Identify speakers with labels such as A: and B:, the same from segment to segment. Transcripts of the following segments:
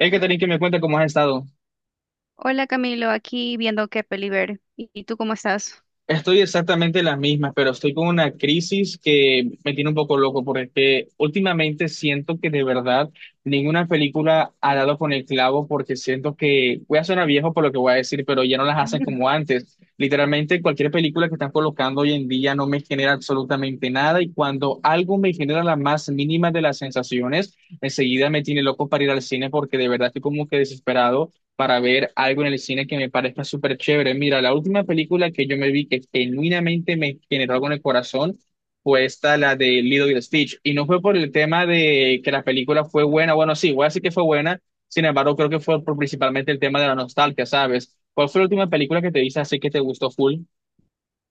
A: Hey, Catherine, que me cuenta cómo has estado.
B: Hola Camilo, aquí viendo qué peli ver. ¿Y tú cómo estás?
A: Estoy exactamente las mismas, pero estoy con una crisis que me tiene un poco loco, porque es que últimamente siento que de verdad ninguna película ha dado con el clavo, porque siento que voy a sonar viejo por lo que voy a decir, pero ya no las hacen
B: Ujú.
A: como antes. Literalmente cualquier película que están colocando hoy en día no me genera absolutamente nada, y cuando algo me genera la más mínima de las sensaciones, enseguida me tiene loco para ir al cine, porque de verdad estoy como que desesperado para ver algo en el cine que me parezca súper chévere. Mira, la última película que yo me vi que genuinamente me generó algo en el corazón fue esta, la de Lilo y Stitch. Y no fue por el tema de que la película fue buena, bueno, sí, voy a decir que fue buena, sin embargo, creo que fue por principalmente el tema de la nostalgia, ¿sabes? ¿Cuál fue la última película que te viste así que te gustó full?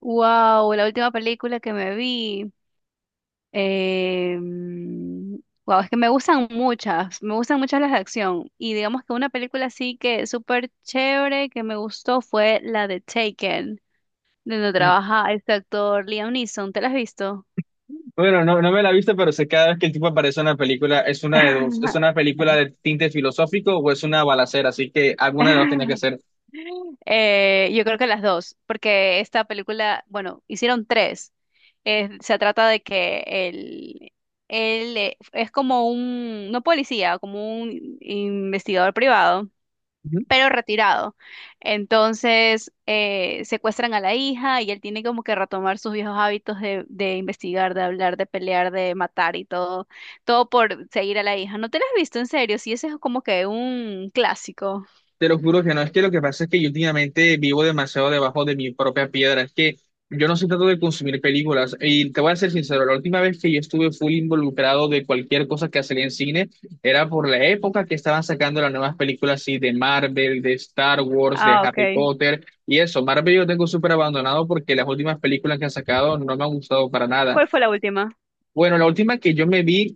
B: Wow, la última película que me vi. Wow, es que me gustan muchas las de acción. Y digamos que una película así que súper chévere que me gustó fue la de Taken, donde
A: Mm,
B: trabaja este actor Liam Neeson. ¿Te la has visto?
A: Bueno, no me la viste, pero sé cada vez que el tipo aparece en una película, es una de dos. ¿Es una película de tinte filosófico o es una balacera? Así que alguna de dos tenía que ser.
B: Yo creo que las dos, porque esta película, bueno, hicieron tres. Se trata de que él es como un, no policía, como un investigador privado, pero retirado. Entonces, secuestran a la hija y él tiene como que retomar sus viejos hábitos de investigar, de hablar, de pelear, de matar y todo, todo por seguir a la hija. ¿No te la has visto en serio? Sí, ese es como que un clásico.
A: Te lo juro que no, es que lo que pasa es que yo últimamente vivo demasiado debajo de mi propia piedra, es que yo no soy tanto de consumir películas y te voy a ser sincero, la última vez que yo estuve full involucrado de cualquier cosa que salía en cine era por la época que estaban sacando las nuevas películas así de Marvel, de Star Wars, de
B: Ah, ok.
A: Harry Potter y eso. Marvel yo tengo súper abandonado porque las últimas películas que han sacado no me han gustado para nada.
B: ¿Cuál fue la última?
A: Bueno, la última que yo me vi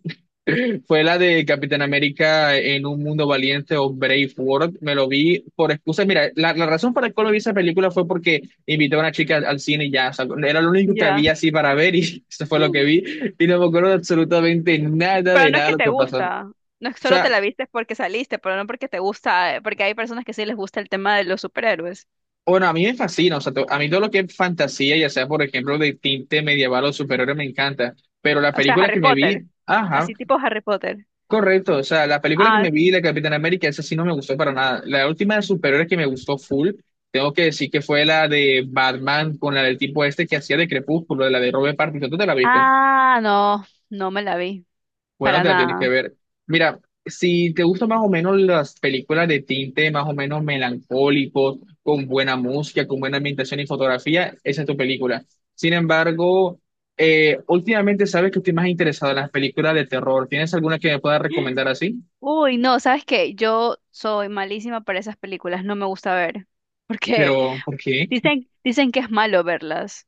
A: fue la de Capitán América en un mundo valiente o Brave World. Me lo vi por excusa. Mira, la razón por la cual no vi esa película fue porque invité a una chica al cine y ya, o sea, era lo único que
B: Ya.
A: había así para ver y eso fue
B: Pero
A: lo que vi. Y no me acuerdo de absolutamente nada de
B: no es
A: nada de
B: que
A: lo
B: te
A: que pasó. O
B: gusta. No es que solo te
A: sea,
B: la viste porque saliste, pero no porque te gusta, porque hay personas que sí les gusta el tema de los superhéroes.
A: bueno, a mí me fascina, o sea, a mí todo lo que es fantasía, ya sea por ejemplo de tinte medieval o superior me encanta. Pero la
B: O sea,
A: película
B: Harry
A: que me vi,
B: Potter.
A: ajá.
B: Así tipo Harry Potter.
A: Correcto, o sea, la película que
B: Ah,
A: me vi
B: sí.
A: de Capitán América, esa sí no me gustó para nada. La última de superhéroes que me gustó full, tengo que decir que fue la de Batman con la del tipo este que hacía de Crepúsculo, de la de Robert Pattinson. ¿Tú te la viste?
B: Ah, no, no me la vi.
A: Bueno,
B: Para
A: te la tienes que
B: nada.
A: ver. Mira, si te gustan más o menos las películas de tinte más o menos melancólico, con buena música, con buena ambientación y fotografía, esa es tu película. Sin embargo, últimamente sabes que estoy más interesado en las películas de terror. ¿Tienes alguna que me pueda recomendar así?
B: Uy, no, ¿sabes qué? Yo soy malísima para esas películas, no me gusta ver. Porque
A: Pero, ¿por qué?
B: dicen que es malo verlas.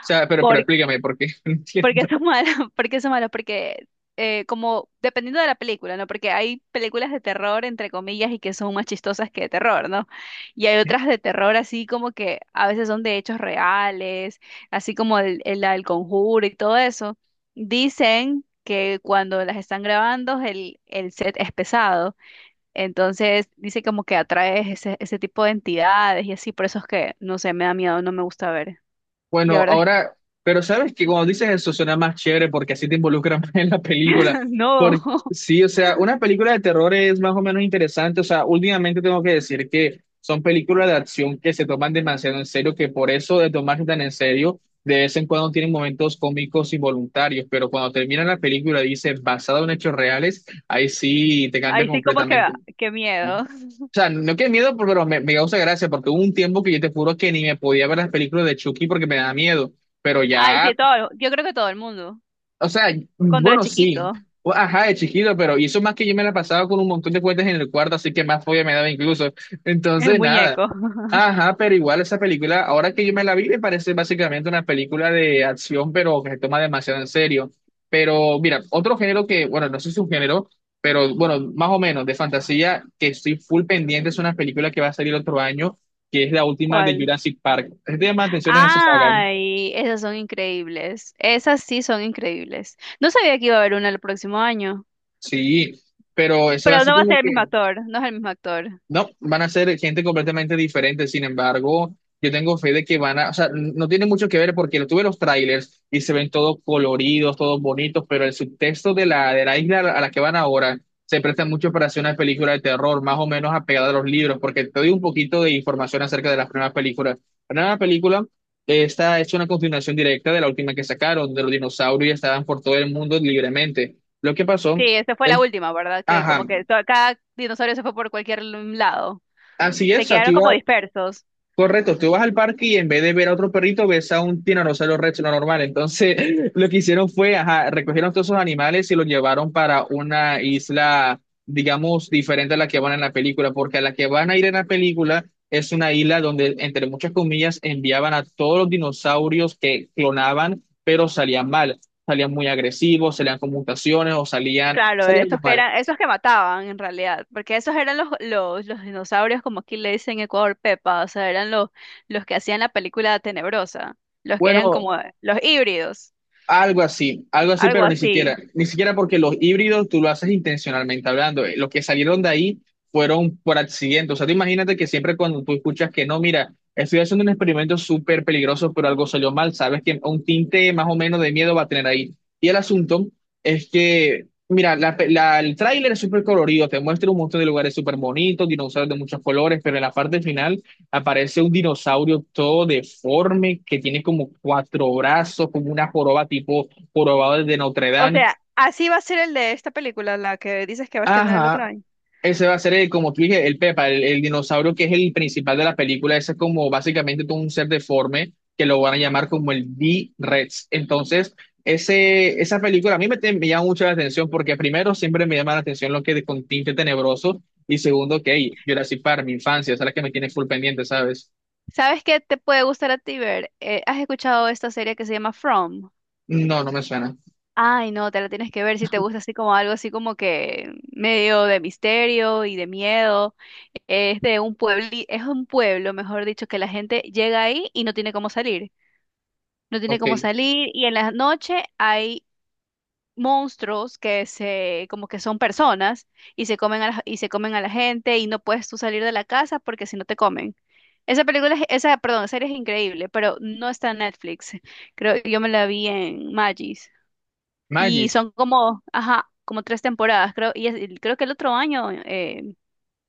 A: O sea, pero explícame por qué. No
B: ¿Por qué
A: entiendo.
B: son malos? ¿Por qué son malos? Porque como dependiendo de la película, ¿no? Porque hay películas de terror, entre comillas, y que son más chistosas que de terror, ¿no? Y hay otras de terror así como que a veces son de hechos reales, así como la del Conjuro y todo eso. Dicen que cuando las están grabando el set es pesado, entonces dice como que atrae ese tipo de entidades y así, por eso es que, no sé, me da miedo, no me gusta ver.
A: Bueno,
B: La verdad es que
A: ahora, pero sabes que cuando dices eso suena más chévere porque así te involucran más en la película.
B: no.
A: Porque, sí, o sea, una película de terror es más o menos interesante. O sea, últimamente tengo que decir que son películas de acción que se toman demasiado en serio, que por eso de tomarse tan en serio, de vez en cuando tienen momentos cómicos involuntarios, pero cuando termina la película y dice basado en hechos reales, ahí sí te cambia
B: Ahí sí como que,
A: completamente.
B: qué
A: ¿No?
B: miedo.
A: O sea, no que miedo, pero me causa gracia, porque hubo un tiempo que yo te juro que ni me podía ver las películas de Chucky porque me da miedo. Pero
B: Ay,
A: ya,
B: sí, todo, yo creo que todo el mundo.
A: o sea,
B: Cuando era
A: bueno, sí.
B: chiquito,
A: Ajá, de chiquito, pero y eso más que yo me la pasaba con un montón de cuentas en el cuarto, así que más fobia me daba incluso.
B: el
A: Entonces, nada.
B: muñeco.
A: Ajá, pero igual esa película, ahora que yo me la vi, me parece básicamente una película de acción, pero que se toma demasiado en serio. Pero mira, otro género que, bueno, no sé si es un género, pero bueno, más o menos de fantasía, que estoy full pendiente, es una película que va a salir otro año, que es la última de
B: ¿Cuál?
A: Jurassic Park. Es de más atención a esa saga.
B: Ay, esas son increíbles. Esas sí son increíbles. No sabía que iba a haber una el próximo año.
A: Sí, pero esa va a
B: Pero
A: ser
B: no va a
A: como
B: ser el mismo
A: que...
B: actor, no es el mismo actor.
A: No, van a ser gente completamente diferente. Sin embargo, yo tengo fe de que van a, o sea, no tiene mucho que ver porque lo tuve los trailers y se ven todos coloridos, todos bonitos, pero el subtexto de de la isla a la que van ahora se presta mucho para hacer una película de terror, más o menos apegada a los libros, porque te doy un poquito de información acerca de las primeras películas. La primera película, esta es una continuación directa de la última que sacaron, de los dinosaurios y estaban por todo el mundo libremente. Lo que pasó
B: Sí, esa fue la
A: es,
B: última, ¿verdad? Que
A: ajá,
B: como que to- cada dinosaurio se fue por cualquier lado.
A: así
B: Se
A: es, o sea, tú
B: quedaron como
A: ibas.
B: dispersos.
A: Correcto, tú vas al parque y en vez de ver a otro perrito, ves a un tiranosaurio rex, lo normal. Entonces, lo que hicieron fue, ajá, recogieron todos esos animales y los llevaron para una isla, digamos, diferente a la que van en la película, porque a la que van a ir en la película es una isla donde, entre muchas comillas, enviaban a todos los dinosaurios que clonaban, pero salían mal, salían muy agresivos, salían con mutaciones o salían,
B: Claro,
A: salía algo
B: esos que
A: mal.
B: eran, esos que mataban en realidad, porque esos eran los dinosaurios, como aquí le dicen en Ecuador Pepa, o sea, eran los que hacían la película Tenebrosa, los que eran
A: Bueno,
B: como los híbridos,
A: algo así, algo así,
B: algo
A: pero ni siquiera,
B: así.
A: ni siquiera porque los híbridos tú lo haces intencionalmente hablando. Los que salieron de ahí fueron por accidente. O sea, tú imagínate que siempre cuando tú escuchas que no, mira, estoy haciendo un experimento súper peligroso, pero algo salió mal, sabes que un tinte más o menos de miedo va a tener ahí. Y el asunto es que, mira, el tráiler es súper colorido, te muestra un montón de lugares súper bonitos, dinosaurios de muchos colores, pero en la parte final aparece un dinosaurio todo deforme que tiene como cuatro brazos, como una joroba tipo jorobado de Notre
B: O
A: Dame.
B: sea, así va a ser el de esta película, la que dices que va a estrenar el otro
A: Ajá,
B: año.
A: ese va a ser, el, como tú dije, el Pepa, el dinosaurio que es el principal de la película. Ese es como básicamente todo un ser deforme que lo van a llamar como el D-Rex. Entonces, ese, esa película a mí me llama mucho la atención porque primero siempre me llama la atención lo que de con tinte tenebroso y segundo que, hey, Jurassic Park, mi infancia, esa es la que me tiene full pendiente, ¿sabes?
B: ¿Sabes qué te puede gustar a ti ver? ¿Has escuchado esta serie que se llama From?
A: No, no me suena.
B: Ay, no, te la tienes que ver si te gusta así como algo así como que medio de misterio y de miedo. Es de un pueblo, es un pueblo, mejor dicho, que la gente llega ahí y no tiene cómo salir. No tiene cómo
A: Ok.
B: salir y en la noche hay monstruos que se como que son personas y se comen a la, y se comen a la gente y no puedes tú salir de la casa porque si no te comen. Esa película, es- esa, perdón, serie es increíble, pero no está en Netflix. Creo, yo me la vi en Magis. Y
A: Magis,
B: son como, ajá, como tres temporadas, creo. Y es- y creo que el otro año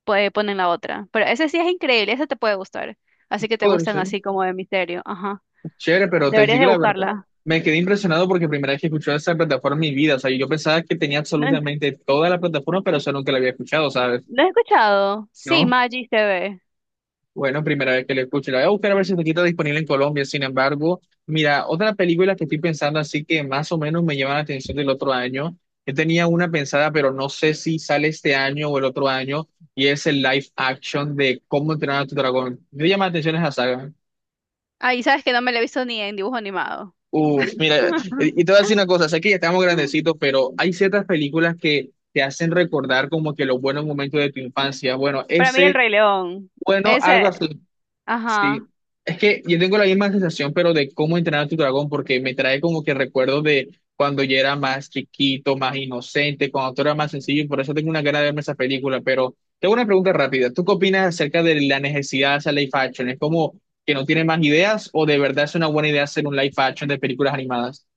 B: puede, ponen la otra. Pero ese sí es increíble, ese te puede gustar. Así que te
A: puede
B: gustan
A: ser,
B: así como de misterio, ajá.
A: chévere, pero te
B: Deberías
A: digo
B: de
A: la verdad.
B: buscarla.
A: Me quedé impresionado porque primera vez que escuché esa plataforma en mi vida, o sea, yo pensaba que tenía
B: ¿No, he
A: absolutamente toda la plataforma, pero solo nunca la había escuchado, ¿sabes?
B: no he escuchado? Sí,
A: ¿No?
B: Maggie TV.
A: Bueno, primera vez que la escucho, la voy a buscar a ver si está disponible en Colombia. Sin embargo, mira, otra película que estoy pensando así que más o menos me llama la atención del otro año, yo tenía una pensada, pero no sé si sale este año o el otro año, y es el live action de Cómo entrenar a tu dragón. Me llama la atención esa saga.
B: Ay, sabes que no me la he visto ni en dibujo animado.
A: Uf, mira, y te voy a decir una cosa, sé que ya estamos grandecitos, pero hay ciertas películas que te hacen recordar como que los buenos momentos de tu infancia. Bueno,
B: Para mí el
A: ese,
B: Rey León.
A: bueno, algo
B: Ese,
A: así,
B: ajá.
A: sí. Es que yo tengo la misma sensación, pero de cómo entrenar a tu dragón, porque me trae como que recuerdos de cuando yo era más chiquito, más inocente, cuando todo era más sencillo, y por eso tengo una gana de verme esa película. Pero tengo una pregunta rápida. ¿Tú qué opinas acerca de la necesidad de hacer live action? ¿Es como que no tiene más ideas o de verdad es una buena idea hacer un live action de películas animadas?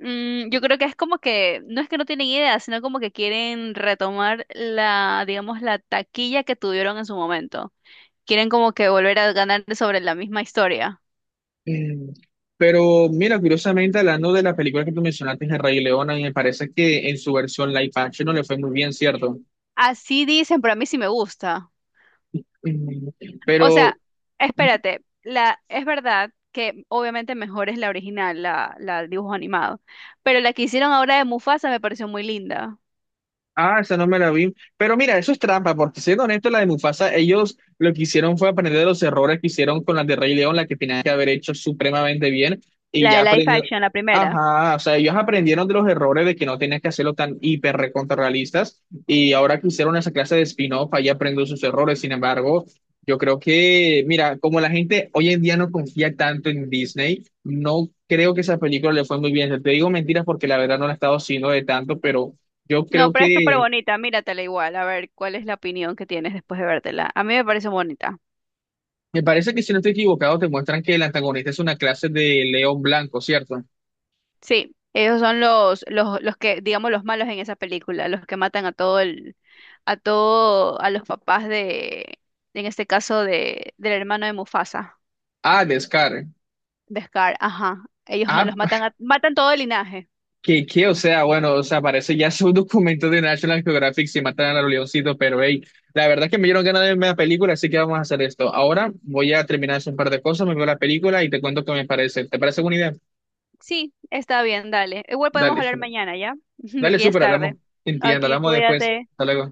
B: Mm, yo creo que es como que, no es que no tienen idea, sino como que quieren retomar la, digamos, la taquilla que tuvieron en su momento. Quieren como que volver a ganar sobre la misma historia.
A: Mm, Pero mira, curiosamente, hablando de la película que tú mencionaste, El Rey León, a mí me parece que en su versión live action no le fue muy bien, ¿cierto?
B: Así dicen, pero a mí sí me gusta.
A: Mm,
B: O
A: Pero...
B: sea, espérate, la, es verdad que obviamente mejor es la original, la dibujo animado, pero la que hicieron ahora de Mufasa me pareció muy linda.
A: Ah, esa no me la vi. Pero mira, eso es trampa, porque siendo honesto, la de Mufasa, ellos lo que hicieron fue aprender de los errores que hicieron con la de Rey León, la que tenían que haber hecho supremamente bien, y
B: La
A: ya
B: de Life
A: aprendieron.
B: action, la primera.
A: Ajá, o sea, ellos aprendieron de los errores de que no tenías que hacerlo tan hiper recontrarrealistas, y ahora que hicieron esa clase de spin-off, ahí aprenden sus errores. Sin embargo, yo creo que, mira, como la gente hoy en día no confía tanto en Disney, no creo que esa película le fue muy bien. Te digo mentiras porque la verdad no la he estado siguiendo de tanto, pero... Yo
B: No,
A: creo
B: pero es súper
A: que
B: bonita, míratela igual, a ver cuál es la opinión que tienes después de vértela. A mí me pareció bonita.
A: me parece que si no estoy equivocado, te muestran que el antagonista es una clase de león blanco, ¿cierto?
B: Sí, esos son los que, digamos, los malos en esa película, los que matan a todo el, a todo, a los papás de, en este caso, de, del hermano de Mufasa,
A: Ah, de Scar.
B: de Scar, ajá. Ellos ma-
A: Ah,
B: los matan a- matan todo el linaje.
A: o sea, bueno, o sea, parece ya su documento de National Geographic si matan a los leoncitos, pero hey, la verdad es que me dieron ganas de verme la película, así que vamos a hacer esto. Ahora voy a terminar de hacer un par de cosas, me veo la película y te cuento qué me parece. ¿Te parece buena idea?
B: Sí, está bien, dale. Igual podemos
A: Dale,
B: hablar
A: súper.
B: mañana, ¿ya?
A: Dale,
B: Porque ya es
A: súper,
B: tarde.
A: hablamos. Entiendo,
B: Aquí,
A: hablamos después.
B: cuídate.
A: Hasta luego.